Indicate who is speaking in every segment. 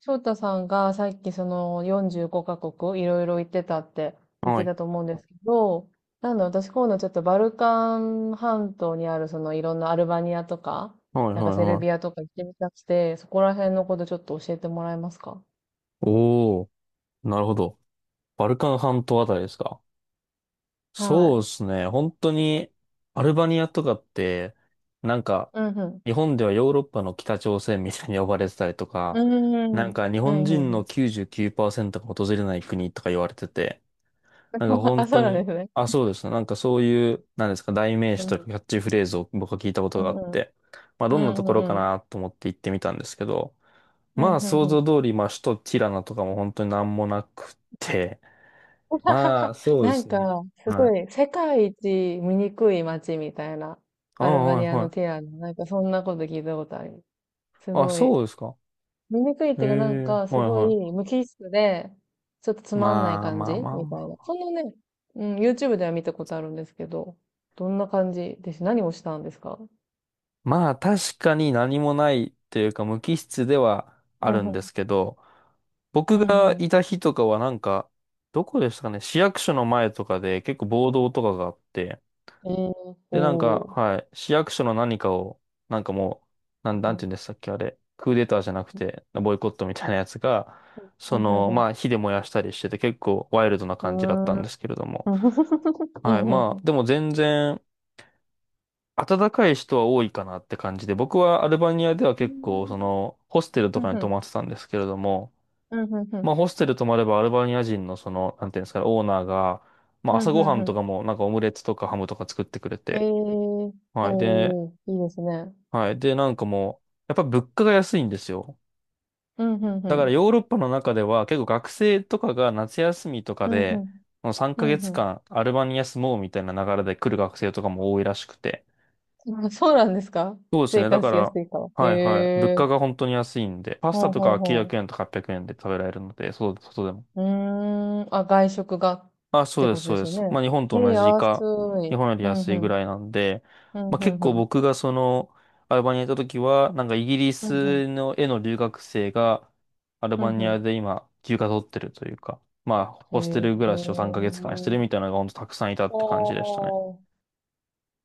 Speaker 1: 翔太さんがさっきその45カ国いろいろ行ってたって言っ
Speaker 2: は
Speaker 1: て
Speaker 2: い。
Speaker 1: たと思うんですけど、なんだ私今度ちょっとバルカン半島にあるそのいろんなアルバニアとか、
Speaker 2: はい、はい、
Speaker 1: セル
Speaker 2: は
Speaker 1: ビア
Speaker 2: い。
Speaker 1: とか行ってみたくて、そこら辺のことちょっと教えてもらえますか？
Speaker 2: おー、なるほど。バルカン半島あたりですか？
Speaker 1: は
Speaker 2: そう
Speaker 1: い。
Speaker 2: ですね。本当に、アルバニアとかって、なんか、
Speaker 1: うんうん。
Speaker 2: 日本ではヨーロッパの北朝鮮みたいに呼ばれてたりと
Speaker 1: う
Speaker 2: か、
Speaker 1: んうん
Speaker 2: な
Speaker 1: う
Speaker 2: ん
Speaker 1: ん。
Speaker 2: か日
Speaker 1: う
Speaker 2: 本
Speaker 1: んう
Speaker 2: 人
Speaker 1: んう
Speaker 2: の
Speaker 1: ん。
Speaker 2: 99%が訪れない国とか言われてて、なんか 本
Speaker 1: あ、そ
Speaker 2: 当
Speaker 1: うなんで
Speaker 2: に、
Speaker 1: すね。
Speaker 2: あ、そうですね。なんかそういう、なんですか、代名
Speaker 1: う
Speaker 2: 詞
Speaker 1: んう
Speaker 2: とか
Speaker 1: ん。
Speaker 2: キャッチフレーズを僕は聞いたこと
Speaker 1: う
Speaker 2: が
Speaker 1: ん
Speaker 2: あっ
Speaker 1: うん。
Speaker 2: て、まあど
Speaker 1: う
Speaker 2: んなと
Speaker 1: んう
Speaker 2: ころか
Speaker 1: んうん。
Speaker 2: なと思って行ってみたんですけど、
Speaker 1: うん
Speaker 2: まあ、
Speaker 1: うん
Speaker 2: 想
Speaker 1: う
Speaker 2: 像
Speaker 1: ん。
Speaker 2: 通り、まあ、首都ティラナとかも本当になんもなくて。ま あ、そうで
Speaker 1: なん
Speaker 2: す
Speaker 1: か、
Speaker 2: ね。
Speaker 1: す
Speaker 2: は
Speaker 1: ご
Speaker 2: い。
Speaker 1: い、世界一醜い街みたいな、
Speaker 2: あ、
Speaker 1: アルバ
Speaker 2: はい、
Speaker 1: ニア
Speaker 2: は
Speaker 1: のティ
Speaker 2: い。
Speaker 1: ラノ。なんか、そんなこと聞いたことある。す
Speaker 2: あ、
Speaker 1: ご
Speaker 2: そ
Speaker 1: い。
Speaker 2: うですか。
Speaker 1: 醜いっ
Speaker 2: え
Speaker 1: ていうか、なん
Speaker 2: え、
Speaker 1: か、す
Speaker 2: はい、
Speaker 1: ご
Speaker 2: はい。
Speaker 1: い無機質で、ちょっとつまんない
Speaker 2: まあ、
Speaker 1: 感
Speaker 2: まあ、
Speaker 1: じ
Speaker 2: まあ、
Speaker 1: み
Speaker 2: ま
Speaker 1: たいな。
Speaker 2: あ。
Speaker 1: そんなね、うん、YouTube では見たことあるんですけど、どんな感じです。何をしたんですか？
Speaker 2: まあ、確かに何もないっていうか、無機質ではあ
Speaker 1: うん
Speaker 2: るん
Speaker 1: う
Speaker 2: で
Speaker 1: ん。
Speaker 2: すけど、
Speaker 1: う
Speaker 2: 僕
Speaker 1: ん
Speaker 2: が
Speaker 1: う
Speaker 2: いた日とかはなんか、どこでしたかね、市役所の前とかで結構暴動とかがあって、
Speaker 1: ん。えー、
Speaker 2: で、なんか、
Speaker 1: おー。
Speaker 2: はい、市役所の何かを、なんかもう、な
Speaker 1: う
Speaker 2: んて
Speaker 1: ん
Speaker 2: 言うんでしたっけ、あれ、クーデターじゃなくて、ボイコットみたいなやつが、
Speaker 1: う
Speaker 2: その、まあ、
Speaker 1: ん
Speaker 2: 火で燃やしたりしてて、結構ワイルドな
Speaker 1: う
Speaker 2: 感じだった
Speaker 1: ん。
Speaker 2: ん
Speaker 1: うー
Speaker 2: で
Speaker 1: ん。
Speaker 2: すけれども、
Speaker 1: うんうんうん。う
Speaker 2: はい、
Speaker 1: んうんう
Speaker 2: まあ、
Speaker 1: ん。
Speaker 2: でも全然、暖かい人は多いかなって感じで、僕はアルバニアでは結構、その、ホステルと
Speaker 1: うん
Speaker 2: かに
Speaker 1: う
Speaker 2: 泊ま
Speaker 1: ん
Speaker 2: ってたんですけれども、
Speaker 1: うん、うんう
Speaker 2: まあ、
Speaker 1: ん。
Speaker 2: ホステル泊まればアルバニア人のその、なんていうんですかね、オーナーが、まあ、
Speaker 1: うん、
Speaker 2: 朝
Speaker 1: う
Speaker 2: ごは
Speaker 1: ん
Speaker 2: ん
Speaker 1: う
Speaker 2: と
Speaker 1: ん。
Speaker 2: かも、なんかオムレツとかハムとか作ってくれ
Speaker 1: え
Speaker 2: て、
Speaker 1: え、
Speaker 2: はい。で、
Speaker 1: おー、いいですね。
Speaker 2: はい。で、なんかもう、やっぱ物価が安いんですよ。
Speaker 1: うん、うんう
Speaker 2: だから
Speaker 1: ん。
Speaker 2: ヨーロッパの中では結構学生とかが夏休みとか
Speaker 1: うん、う
Speaker 2: で、
Speaker 1: ん。
Speaker 2: もう3
Speaker 1: う
Speaker 2: ヶ
Speaker 1: ん、う
Speaker 2: 月間アルバニア住もうみたいな流れで来る学生とかも多いらしくて。
Speaker 1: ん。あ、そうなんですか？
Speaker 2: そうです
Speaker 1: 生
Speaker 2: ね。だ
Speaker 1: 活
Speaker 2: か
Speaker 1: しや
Speaker 2: ら、
Speaker 1: すいから。
Speaker 2: はいはい。物
Speaker 1: へえ。
Speaker 2: 価が本当に安いんで、パスタ
Speaker 1: ほう
Speaker 2: とか
Speaker 1: ほう
Speaker 2: は900
Speaker 1: ほ
Speaker 2: 円とか800円で食べられるので、そう、外でも。
Speaker 1: う。うーん。あ、外食がっ
Speaker 2: あ、そう
Speaker 1: て
Speaker 2: で
Speaker 1: こ
Speaker 2: す、
Speaker 1: と
Speaker 2: そ
Speaker 1: で
Speaker 2: うで
Speaker 1: すよ
Speaker 2: す。
Speaker 1: ね。
Speaker 2: まあ、日本と
Speaker 1: ええ、
Speaker 2: 同じ
Speaker 1: 安
Speaker 2: か、
Speaker 1: い。
Speaker 2: 日本より
Speaker 1: うん、う
Speaker 2: 安いぐ
Speaker 1: ん。
Speaker 2: らいなんで、
Speaker 1: うん、
Speaker 2: まあ、
Speaker 1: う
Speaker 2: 結
Speaker 1: んう
Speaker 2: 構
Speaker 1: ん。
Speaker 2: 僕がその、アルバニアに行った時は、なんかイギリ
Speaker 1: うん、うん。
Speaker 2: スの絵の留学生が、アル
Speaker 1: うん、う
Speaker 2: バニア
Speaker 1: ん。
Speaker 2: で今、休暇取ってるというか、まあ、
Speaker 1: へ
Speaker 2: ホステル暮らしを3
Speaker 1: え。
Speaker 2: ヶ月間してるみたいなのが本当たくさんいたって感じでしたね。
Speaker 1: ほー。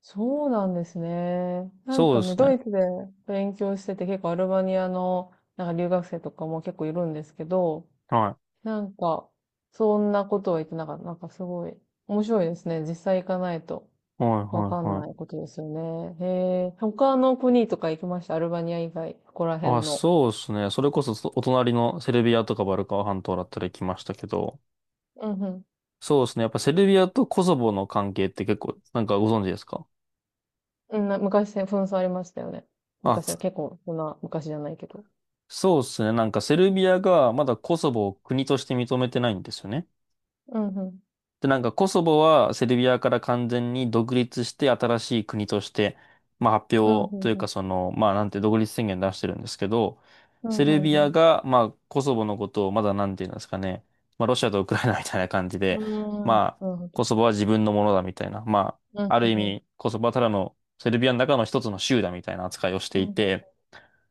Speaker 1: そうなんですね。なん
Speaker 2: そ
Speaker 1: か
Speaker 2: うで
Speaker 1: ね、
Speaker 2: すね。
Speaker 1: ドイツで勉強してて結構アルバニアの留学生とかも結構いるんですけど、
Speaker 2: は
Speaker 1: なんかそんなことは言ってなかった。なんかすごい面白いですね。実際行かないと
Speaker 2: い。はい、は
Speaker 1: わか
Speaker 2: い、
Speaker 1: ん
Speaker 2: は
Speaker 1: ないこ
Speaker 2: い。
Speaker 1: とですよね。へえ、他の国とか行きました。アルバニア以外、ここら辺
Speaker 2: あ、
Speaker 1: の。
Speaker 2: そうですね。それこそそお隣のセルビアとかバルカン半島だったり来ましたけど、
Speaker 1: うんうん。
Speaker 2: そうですね。やっぱセルビアとコソボの関係って結構、なんかご存知ですか？
Speaker 1: うんな、昔ね紛争ありましたよね。
Speaker 2: あ、
Speaker 1: 昔は結構そんな昔じゃないけど。
Speaker 2: そうですね。なんかセルビアがまだコソボを国として認めてないんですよね。
Speaker 1: うんうん。
Speaker 2: で、なんかコソボはセルビアから完全に独立して新しい国として、まあ発
Speaker 1: うんう
Speaker 2: 表という
Speaker 1: んう
Speaker 2: か
Speaker 1: ん。
Speaker 2: その、まあなんて独立宣言出してるんですけど、
Speaker 1: うん
Speaker 2: セ
Speaker 1: う
Speaker 2: ル
Speaker 1: ん
Speaker 2: ビ
Speaker 1: う
Speaker 2: ア
Speaker 1: ん。
Speaker 2: がまあコソボのことをまだなんて言うんですかね。まあロシアとウクライナみたいな感じ
Speaker 1: う
Speaker 2: で、
Speaker 1: んうんうん。
Speaker 2: まあ
Speaker 1: なるほど。
Speaker 2: コソボは自分のものだみたいな。ま
Speaker 1: うん
Speaker 2: あある意
Speaker 1: うんうん。
Speaker 2: 味コソボはただのセルビアの中の一つの州だみたいな扱いをして
Speaker 1: うん
Speaker 2: い
Speaker 1: うんうん。
Speaker 2: て、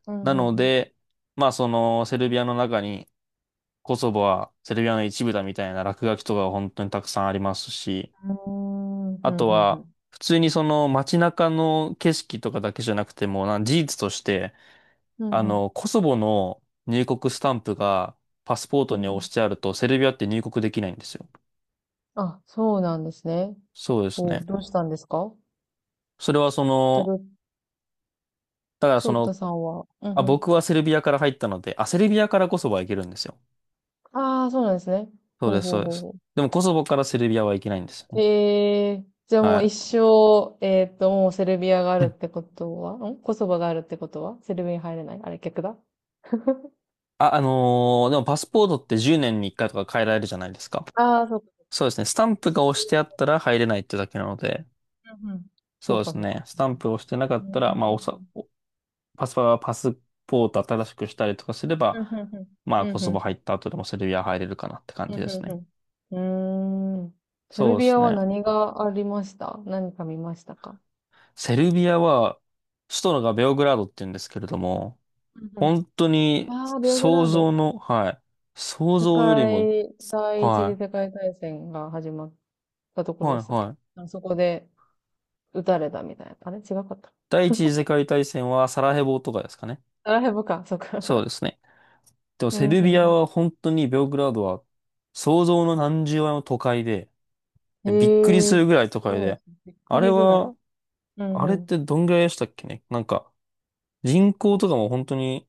Speaker 1: う
Speaker 2: な
Speaker 1: ん
Speaker 2: の
Speaker 1: うん
Speaker 2: で、まあそのセルビアの中にコソボはセルビアの一部だみたいな落書きとかが本当にたくさんありますし、
Speaker 1: うん。うん。
Speaker 2: あ
Speaker 1: うん
Speaker 2: と
Speaker 1: うんう
Speaker 2: は
Speaker 1: ん。
Speaker 2: 普通にその街中の景色とかだけじゃなくても、なん事実として、
Speaker 1: うん、
Speaker 2: コソボの入国スタンプがパスポートに押してあるとセルビアって入国できないんですよ。
Speaker 1: あ、そうなんですね。
Speaker 2: そうです
Speaker 1: そう、
Speaker 2: ね。
Speaker 1: どうしたんですか？
Speaker 2: それはそ
Speaker 1: で、ど
Speaker 2: の、
Speaker 1: ど、
Speaker 2: だからそ
Speaker 1: 翔太
Speaker 2: の、
Speaker 1: さんは、うん
Speaker 2: あ、
Speaker 1: うん。
Speaker 2: 僕はセルビアから入ったので、あ、セルビアからコソボは行けるんですよ。
Speaker 1: ああ、そうなんですね。
Speaker 2: そう
Speaker 1: ほう
Speaker 2: です、
Speaker 1: ほ
Speaker 2: そ
Speaker 1: う
Speaker 2: うで
Speaker 1: ほう
Speaker 2: す。
Speaker 1: ほ
Speaker 2: でもコソボからセルビアは行けないんですよ
Speaker 1: う。
Speaker 2: ね。
Speaker 1: へえ、じゃあもう一
Speaker 2: は
Speaker 1: 生、もうセルビアがあ
Speaker 2: い。
Speaker 1: るってことは、んコソバがあるってことはセルビアに入れないあれ、逆だ。
Speaker 2: あ、でもパスポートって10年に1回とか変えられるじゃないですか。
Speaker 1: ああ、そうか。
Speaker 2: そうですね。スタンプが押してあったら入れないってだけなので、
Speaker 1: うんうん。
Speaker 2: そ
Speaker 1: そ
Speaker 2: う
Speaker 1: う
Speaker 2: で
Speaker 1: か、
Speaker 2: す
Speaker 1: そう
Speaker 2: ね。
Speaker 1: か。
Speaker 2: ス
Speaker 1: な
Speaker 2: タ
Speaker 1: る
Speaker 2: ンプを押してなか
Speaker 1: ほ
Speaker 2: ったら、
Speaker 1: ど。うー
Speaker 2: まあ、おさ、
Speaker 1: ん。
Speaker 2: おパスパ、パスポート新しくしたりとかすれば、
Speaker 1: うん、うん、うん。
Speaker 2: まあ、
Speaker 1: う
Speaker 2: コ
Speaker 1: ん、う
Speaker 2: ソ
Speaker 1: ん、
Speaker 2: ボ
Speaker 1: う
Speaker 2: 入
Speaker 1: ん。
Speaker 2: った後でもセルビア入れるかなって感
Speaker 1: う
Speaker 2: じで
Speaker 1: ん
Speaker 2: す
Speaker 1: うん
Speaker 2: ね。
Speaker 1: うん。うーん。セ
Speaker 2: そ
Speaker 1: ル
Speaker 2: うで
Speaker 1: ビ
Speaker 2: す
Speaker 1: アは
Speaker 2: ね。
Speaker 1: 何がありました？何か見ましたか？
Speaker 2: セルビアは、首都のがベオグラードって言うんですけれども、
Speaker 1: うんうん。
Speaker 2: 本当に
Speaker 1: ああ、ベオグ
Speaker 2: 想
Speaker 1: ラー
Speaker 2: 像
Speaker 1: ド。
Speaker 2: の、はい。想
Speaker 1: 世
Speaker 2: 像よりも、
Speaker 1: 界、第一次世
Speaker 2: は
Speaker 1: 界大戦が始まったとこ
Speaker 2: い。
Speaker 1: ろ
Speaker 2: は
Speaker 1: で
Speaker 2: い、
Speaker 1: したっけ？
Speaker 2: はい。
Speaker 1: あそこで撃たれたみたいな。あれ違かった。
Speaker 2: 第一次世界大戦はサラヘボとかですかね。
Speaker 1: サラヘボか、そっ
Speaker 2: そ
Speaker 1: か。
Speaker 2: うで すね。でも
Speaker 1: う
Speaker 2: セ
Speaker 1: ん
Speaker 2: ル
Speaker 1: う
Speaker 2: ビア
Speaker 1: ん
Speaker 2: は本当にベオグラードは想像の何十倍も都会で、
Speaker 1: うん。
Speaker 2: びっくり
Speaker 1: へ
Speaker 2: す
Speaker 1: え、
Speaker 2: るぐらい都会
Speaker 1: そうなんで
Speaker 2: で、
Speaker 1: すね。びっ
Speaker 2: あ
Speaker 1: く
Speaker 2: れ
Speaker 1: りぐらい。
Speaker 2: は、
Speaker 1: うん
Speaker 2: あ
Speaker 1: う
Speaker 2: れっ
Speaker 1: ん。
Speaker 2: てどんぐらいでしたっけね。なんか人口とかも本当に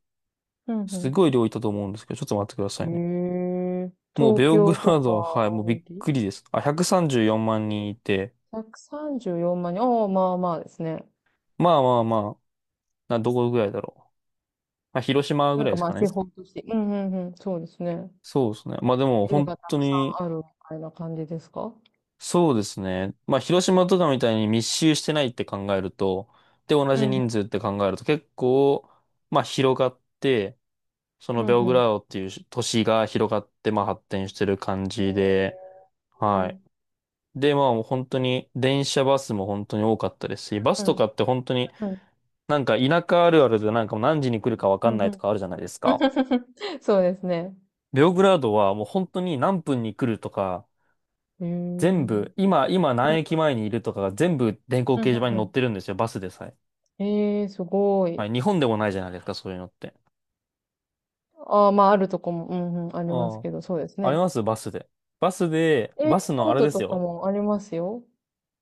Speaker 1: う
Speaker 2: す
Speaker 1: ん
Speaker 2: ごい量いたと思うんですけど、ちょっと待ってくださ
Speaker 1: う
Speaker 2: いね。
Speaker 1: ん。へえ、
Speaker 2: もうベ
Speaker 1: 東
Speaker 2: オグ
Speaker 1: 京
Speaker 2: ラ
Speaker 1: と
Speaker 2: ー
Speaker 1: か、
Speaker 2: ドは、はい、もうびっくりです。あ、134万人いて、
Speaker 1: 134万人。おお、まあまあですね。
Speaker 2: まあまあまあ、な、どこぐらいだろう。まあ、広島ぐ
Speaker 1: なん
Speaker 2: らい
Speaker 1: か
Speaker 2: です
Speaker 1: ま
Speaker 2: か
Speaker 1: あ、
Speaker 2: ね。
Speaker 1: 地方都市、うんうんうん、そうですね。
Speaker 2: そうですね。まあでも
Speaker 1: ビル
Speaker 2: 本
Speaker 1: がた
Speaker 2: 当
Speaker 1: くさ
Speaker 2: に
Speaker 1: んあるみたいな感じですか？
Speaker 2: そうですね。まあ、広島とかみたいに密集してないって考えると、で、同
Speaker 1: う
Speaker 2: じ
Speaker 1: んうん、
Speaker 2: 人数って考えると結構、まあ、広がって、その
Speaker 1: うん
Speaker 2: ベオ
Speaker 1: う
Speaker 2: グラ
Speaker 1: ん。
Speaker 2: ードっていう都市が広がって、まあ、発展してる感
Speaker 1: へ
Speaker 2: じで、
Speaker 1: ーう
Speaker 2: はい。
Speaker 1: ん
Speaker 2: で、まあ、もう本当に、電車バスも本当に多かったですし、バス
Speaker 1: う
Speaker 2: と
Speaker 1: ん
Speaker 2: かって本当に
Speaker 1: うん
Speaker 2: なんか田舎あるあるでなんかもう何時に来るかわ
Speaker 1: う
Speaker 2: か
Speaker 1: ん
Speaker 2: んな
Speaker 1: う
Speaker 2: いと
Speaker 1: ん。
Speaker 2: かあるじゃないですか。
Speaker 1: そうですね。
Speaker 2: ベオグラードはもう本当に何分に来るとか、
Speaker 1: へーう
Speaker 2: 全
Speaker 1: ん
Speaker 2: 部、今、今何駅前にいるとかが全部電光
Speaker 1: うん
Speaker 2: 掲
Speaker 1: う
Speaker 2: 示板
Speaker 1: ん
Speaker 2: に
Speaker 1: う
Speaker 2: 載っ
Speaker 1: ん、
Speaker 2: てるんですよ、バスでさえ。
Speaker 1: ええー、すご
Speaker 2: は
Speaker 1: い。
Speaker 2: い、日本でもないじゃないですか、そういうのって。
Speaker 1: ああ、まあ、あるとこも、うんうん、あります
Speaker 2: あ
Speaker 1: けど、そうです
Speaker 2: あ、あり
Speaker 1: ね。
Speaker 2: ますバスで。バスで、
Speaker 1: えー、
Speaker 2: バスのあ
Speaker 1: 京
Speaker 2: れ
Speaker 1: 都
Speaker 2: です
Speaker 1: とか
Speaker 2: よ。
Speaker 1: もありますよ。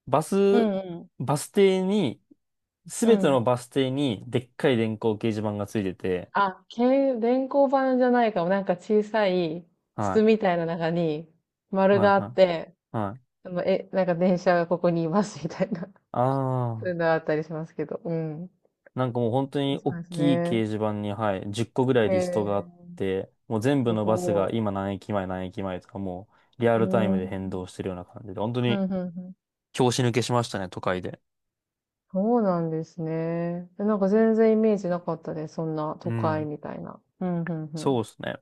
Speaker 2: バ
Speaker 1: う
Speaker 2: ス、
Speaker 1: んうん。
Speaker 2: バス停に、す
Speaker 1: う
Speaker 2: べての
Speaker 1: ん。
Speaker 2: バス停にでっかい電光掲示板がついてて、
Speaker 1: あ、け、電光板じゃないかも。なんか小さい
Speaker 2: は
Speaker 1: 筒みたいな中に
Speaker 2: い、
Speaker 1: 丸
Speaker 2: はい、
Speaker 1: があ
Speaker 2: は
Speaker 1: って、
Speaker 2: い、はい。
Speaker 1: あの、え、なんか電車がここにいますみたいな。
Speaker 2: あ
Speaker 1: そういう
Speaker 2: あ。
Speaker 1: のがあったりしますけど。うん。
Speaker 2: なんかもう本当に大
Speaker 1: そうです
Speaker 2: きい掲
Speaker 1: ね。
Speaker 2: 示板に、はい、10個ぐらい
Speaker 1: へ
Speaker 2: リストがあ
Speaker 1: え、
Speaker 2: って、もう全
Speaker 1: す
Speaker 2: 部のバスが
Speaker 1: ご
Speaker 2: 今何駅前何駅前とかもうリア
Speaker 1: い。う
Speaker 2: ルタイ
Speaker 1: ー
Speaker 2: ムで変
Speaker 1: ん。
Speaker 2: 動してるような感じで、本当
Speaker 1: う
Speaker 2: に
Speaker 1: ん、うん、うん。
Speaker 2: 拍子抜けしましたね、都会で。
Speaker 1: そうなんですね。え、なんか全然イメージなかったです。そんな都
Speaker 2: う
Speaker 1: 会
Speaker 2: ん。
Speaker 1: みたいな。うん、うん、う
Speaker 2: そ
Speaker 1: ん。
Speaker 2: うですね。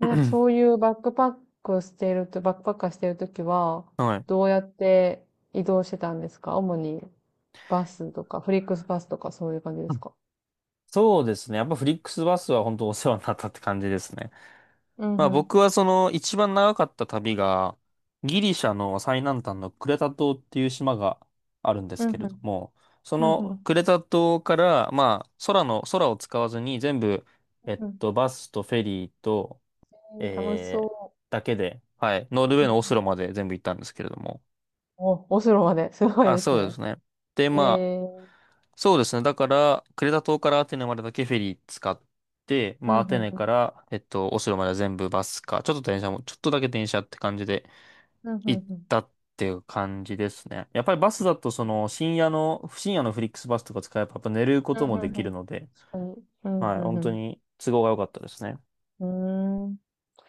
Speaker 1: でなんかそうい うバックパックしてると、バックパッカーしてるときは、
Speaker 2: はい。
Speaker 1: どうやって移動してたんですか主に？バスとか、フリックスバスとかそういう感じですか？
Speaker 2: そうですね。やっぱフリックスバスは本当お世話になったって感じですね。
Speaker 1: うん
Speaker 2: まあ
Speaker 1: うん。
Speaker 2: 僕はその一番長かった旅が、ギリシャの最南端のクレタ島っていう島があるんで
Speaker 1: う
Speaker 2: す
Speaker 1: んう
Speaker 2: けれど
Speaker 1: ん。
Speaker 2: も、そ
Speaker 1: うんう
Speaker 2: の
Speaker 1: ん。
Speaker 2: クレタ島から、まあ空の、空を使わずに全部、えっ
Speaker 1: うんうん、
Speaker 2: と、バスとフェリーと、
Speaker 1: えー楽し
Speaker 2: えー、
Speaker 1: そ
Speaker 2: だけで、はい、ノルウェー
Speaker 1: う。うんうん
Speaker 2: のオ
Speaker 1: う
Speaker 2: スロ
Speaker 1: ん、
Speaker 2: まで全部行ったんですけれども。
Speaker 1: お、オスロまで。すごい
Speaker 2: あ、
Speaker 1: です
Speaker 2: そうで
Speaker 1: ね。
Speaker 2: すね。で、まあ、
Speaker 1: えー。
Speaker 2: そうですね。だから、クレタ島からアテネまでだけフェリー使って、
Speaker 1: う
Speaker 2: まあ、
Speaker 1: ん
Speaker 2: ア
Speaker 1: う
Speaker 2: テ
Speaker 1: ん
Speaker 2: ネ
Speaker 1: う
Speaker 2: か
Speaker 1: ん。
Speaker 2: ら、えっと、オスロまでは全部バスか、ちょっと電車も、ちょっとだけ電車って感じで
Speaker 1: うんうん
Speaker 2: 行っ
Speaker 1: うん。
Speaker 2: たっていう感じですね。やっぱりバスだと、その、深夜の、深夜のフリックスバスとか使えば、やっぱ寝るこ
Speaker 1: うん
Speaker 2: と
Speaker 1: うん
Speaker 2: もでき
Speaker 1: う
Speaker 2: る
Speaker 1: ん。
Speaker 2: ので、
Speaker 1: 確かに。うん
Speaker 2: はい、
Speaker 1: うん
Speaker 2: 本
Speaker 1: う
Speaker 2: 当
Speaker 1: ん。
Speaker 2: に都合が良かったですね。
Speaker 1: うーん。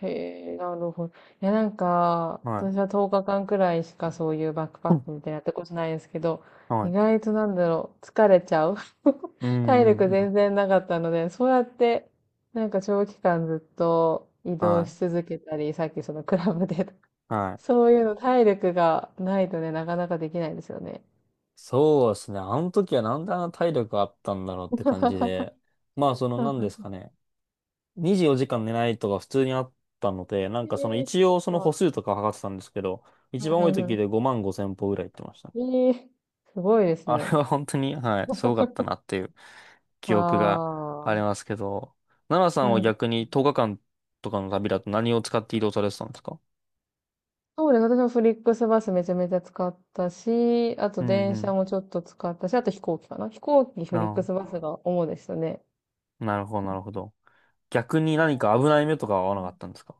Speaker 1: へえ、なるほど。いや、なんか、
Speaker 2: は
Speaker 1: 私
Speaker 2: い。
Speaker 1: は10日間くらいしかそういうバックパ
Speaker 2: う
Speaker 1: ッ
Speaker 2: ん
Speaker 1: クみたいなやったことないですけど、
Speaker 2: は
Speaker 1: 意
Speaker 2: い。
Speaker 1: 外と、疲れちゃう。
Speaker 2: うん、
Speaker 1: 体
Speaker 2: うん、
Speaker 1: 力
Speaker 2: うん。
Speaker 1: 全然なかったので、そうやって、なんか長期間ずっと移
Speaker 2: は
Speaker 1: 動し
Speaker 2: い。
Speaker 1: 続けたり、さっきそのクラブでとか、
Speaker 2: はい。
Speaker 1: そういうの体力がないとね、なかなかできないですよね。
Speaker 2: そうですね。あの時はなんであんな体力あったんだろうって感じで、まあ、その、なんですか ね。24時間寝ないとか普通にあったので、なんかその
Speaker 1: ええ、
Speaker 2: 一応その
Speaker 1: わ、
Speaker 2: 歩数とか測ってたんですけど、
Speaker 1: うん
Speaker 2: 一番
Speaker 1: う
Speaker 2: 多い
Speaker 1: ん
Speaker 2: 時
Speaker 1: う
Speaker 2: で5万5千歩ぐらい行ってました。
Speaker 1: ん。ええ、すごいです
Speaker 2: あれ
Speaker 1: ね。
Speaker 2: は本当に、はい、すごかったなっていう
Speaker 1: あ
Speaker 2: 記憶がありま
Speaker 1: あ。
Speaker 2: すけど、奈良さ
Speaker 1: う
Speaker 2: んは
Speaker 1: ん、
Speaker 2: 逆に10日間とかの旅だと何を使って移動されてたんですか？
Speaker 1: そうです。私もフリックスバスめちゃめちゃ使ったし、あと
Speaker 2: うんう
Speaker 1: 電車
Speaker 2: ん。
Speaker 1: もちょっと使ったし、あと飛行機かな。飛行機、フリック
Speaker 2: あ
Speaker 1: スバスが主でしたね。
Speaker 2: あ、なるほど、なるほど。逆に何か危ない目とかは合わなかったんですか？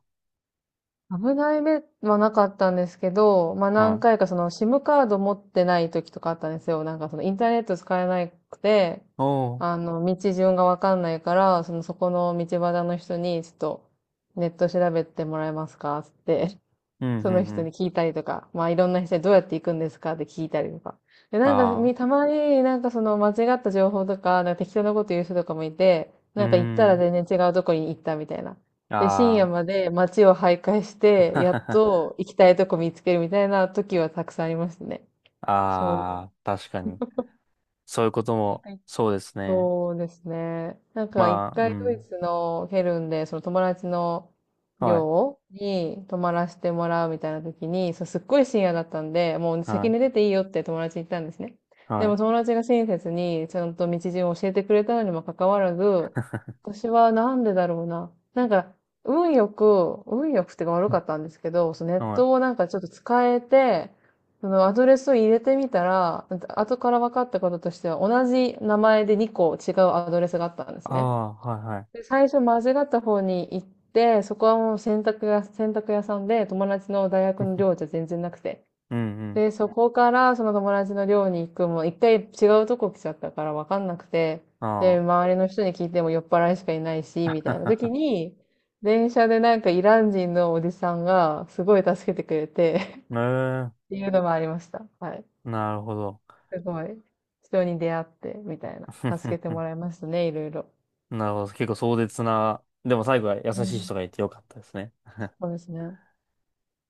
Speaker 1: 危ない目はなかったんですけど、まあ何
Speaker 2: はい。
Speaker 1: 回かその SIM カード持ってない時とかあったんですよ。なんかそのインターネット使えなくて、
Speaker 2: おお。
Speaker 1: あの、道順がわかんないから、そのそこの道端の人に、ちょっとネット調べてもらえますかつって
Speaker 2: うんう
Speaker 1: その
Speaker 2: んう
Speaker 1: 人
Speaker 2: ん。
Speaker 1: に聞いたりとか、まあいろんな人にどうやって行くんですかって聞いたりとか。で、なんか
Speaker 2: あ
Speaker 1: み、た
Speaker 2: あ。
Speaker 1: まになんかその間違った情報とか、なんか適当なこと言う人とかもいて、
Speaker 2: うー
Speaker 1: なんか行ったら
Speaker 2: ん。
Speaker 1: 全然違うとこに行ったみたいな。で、深夜
Speaker 2: あ
Speaker 1: まで街を徘徊して、やっ
Speaker 2: あ。
Speaker 1: と行きたいとこ見つけるみたいな時はたくさんありましたね。そ
Speaker 2: ああ、確かに。そういうことも、
Speaker 1: う。
Speaker 2: そうですね。
Speaker 1: そうですね。なんか一
Speaker 2: まあ、う
Speaker 1: 回ドイ
Speaker 2: ん。
Speaker 1: ツのケルンで、その友達の
Speaker 2: はい、
Speaker 1: 寮に泊まらせてもらうみたいな時に、そう、すっごい深夜だったんで、もう先
Speaker 2: は
Speaker 1: に出ていいよって友達に言ったんですね。
Speaker 2: い、
Speaker 1: で
Speaker 2: は
Speaker 1: も
Speaker 2: い、
Speaker 1: 友達が親切にちゃんと道順を教えてくれたのにもかかわらず、私はなんでだろうな。なんか、運よく、運よくっていうか悪かったんですけど、そのネッ
Speaker 2: はい。
Speaker 1: トをなんかちょっと使えて、そのアドレスを入れてみたら、後から分かったこととしては、同じ名前で2個違うアドレスがあったんです
Speaker 2: あ
Speaker 1: ね。
Speaker 2: あ、はい、はい。
Speaker 1: で最初間違った方に行って、そこはもう洗濯屋、洗濯屋さんで友達の大学の寮じゃ 全然なくて。
Speaker 2: うんうん。
Speaker 1: で、そこからその友達の寮に行くも、一回違うとこ来ちゃったから分かんなくて、で、
Speaker 2: あ
Speaker 1: 周りの人に聞いても酔っ払いしかいないし、みたいな時
Speaker 2: あ。
Speaker 1: に、電車でなんかイラン人のおじさんがすごい助けてくれて
Speaker 2: ええ、
Speaker 1: っていうのもありました。はい。
Speaker 2: なるほど。
Speaker 1: すごい。人に出会って、みたいな。助けても らいましたね、いろいろ。
Speaker 2: なるほど。結構壮絶な、でも最後は優
Speaker 1: う
Speaker 2: しい
Speaker 1: ん。
Speaker 2: 人がいてよかったですね。
Speaker 1: そうですね。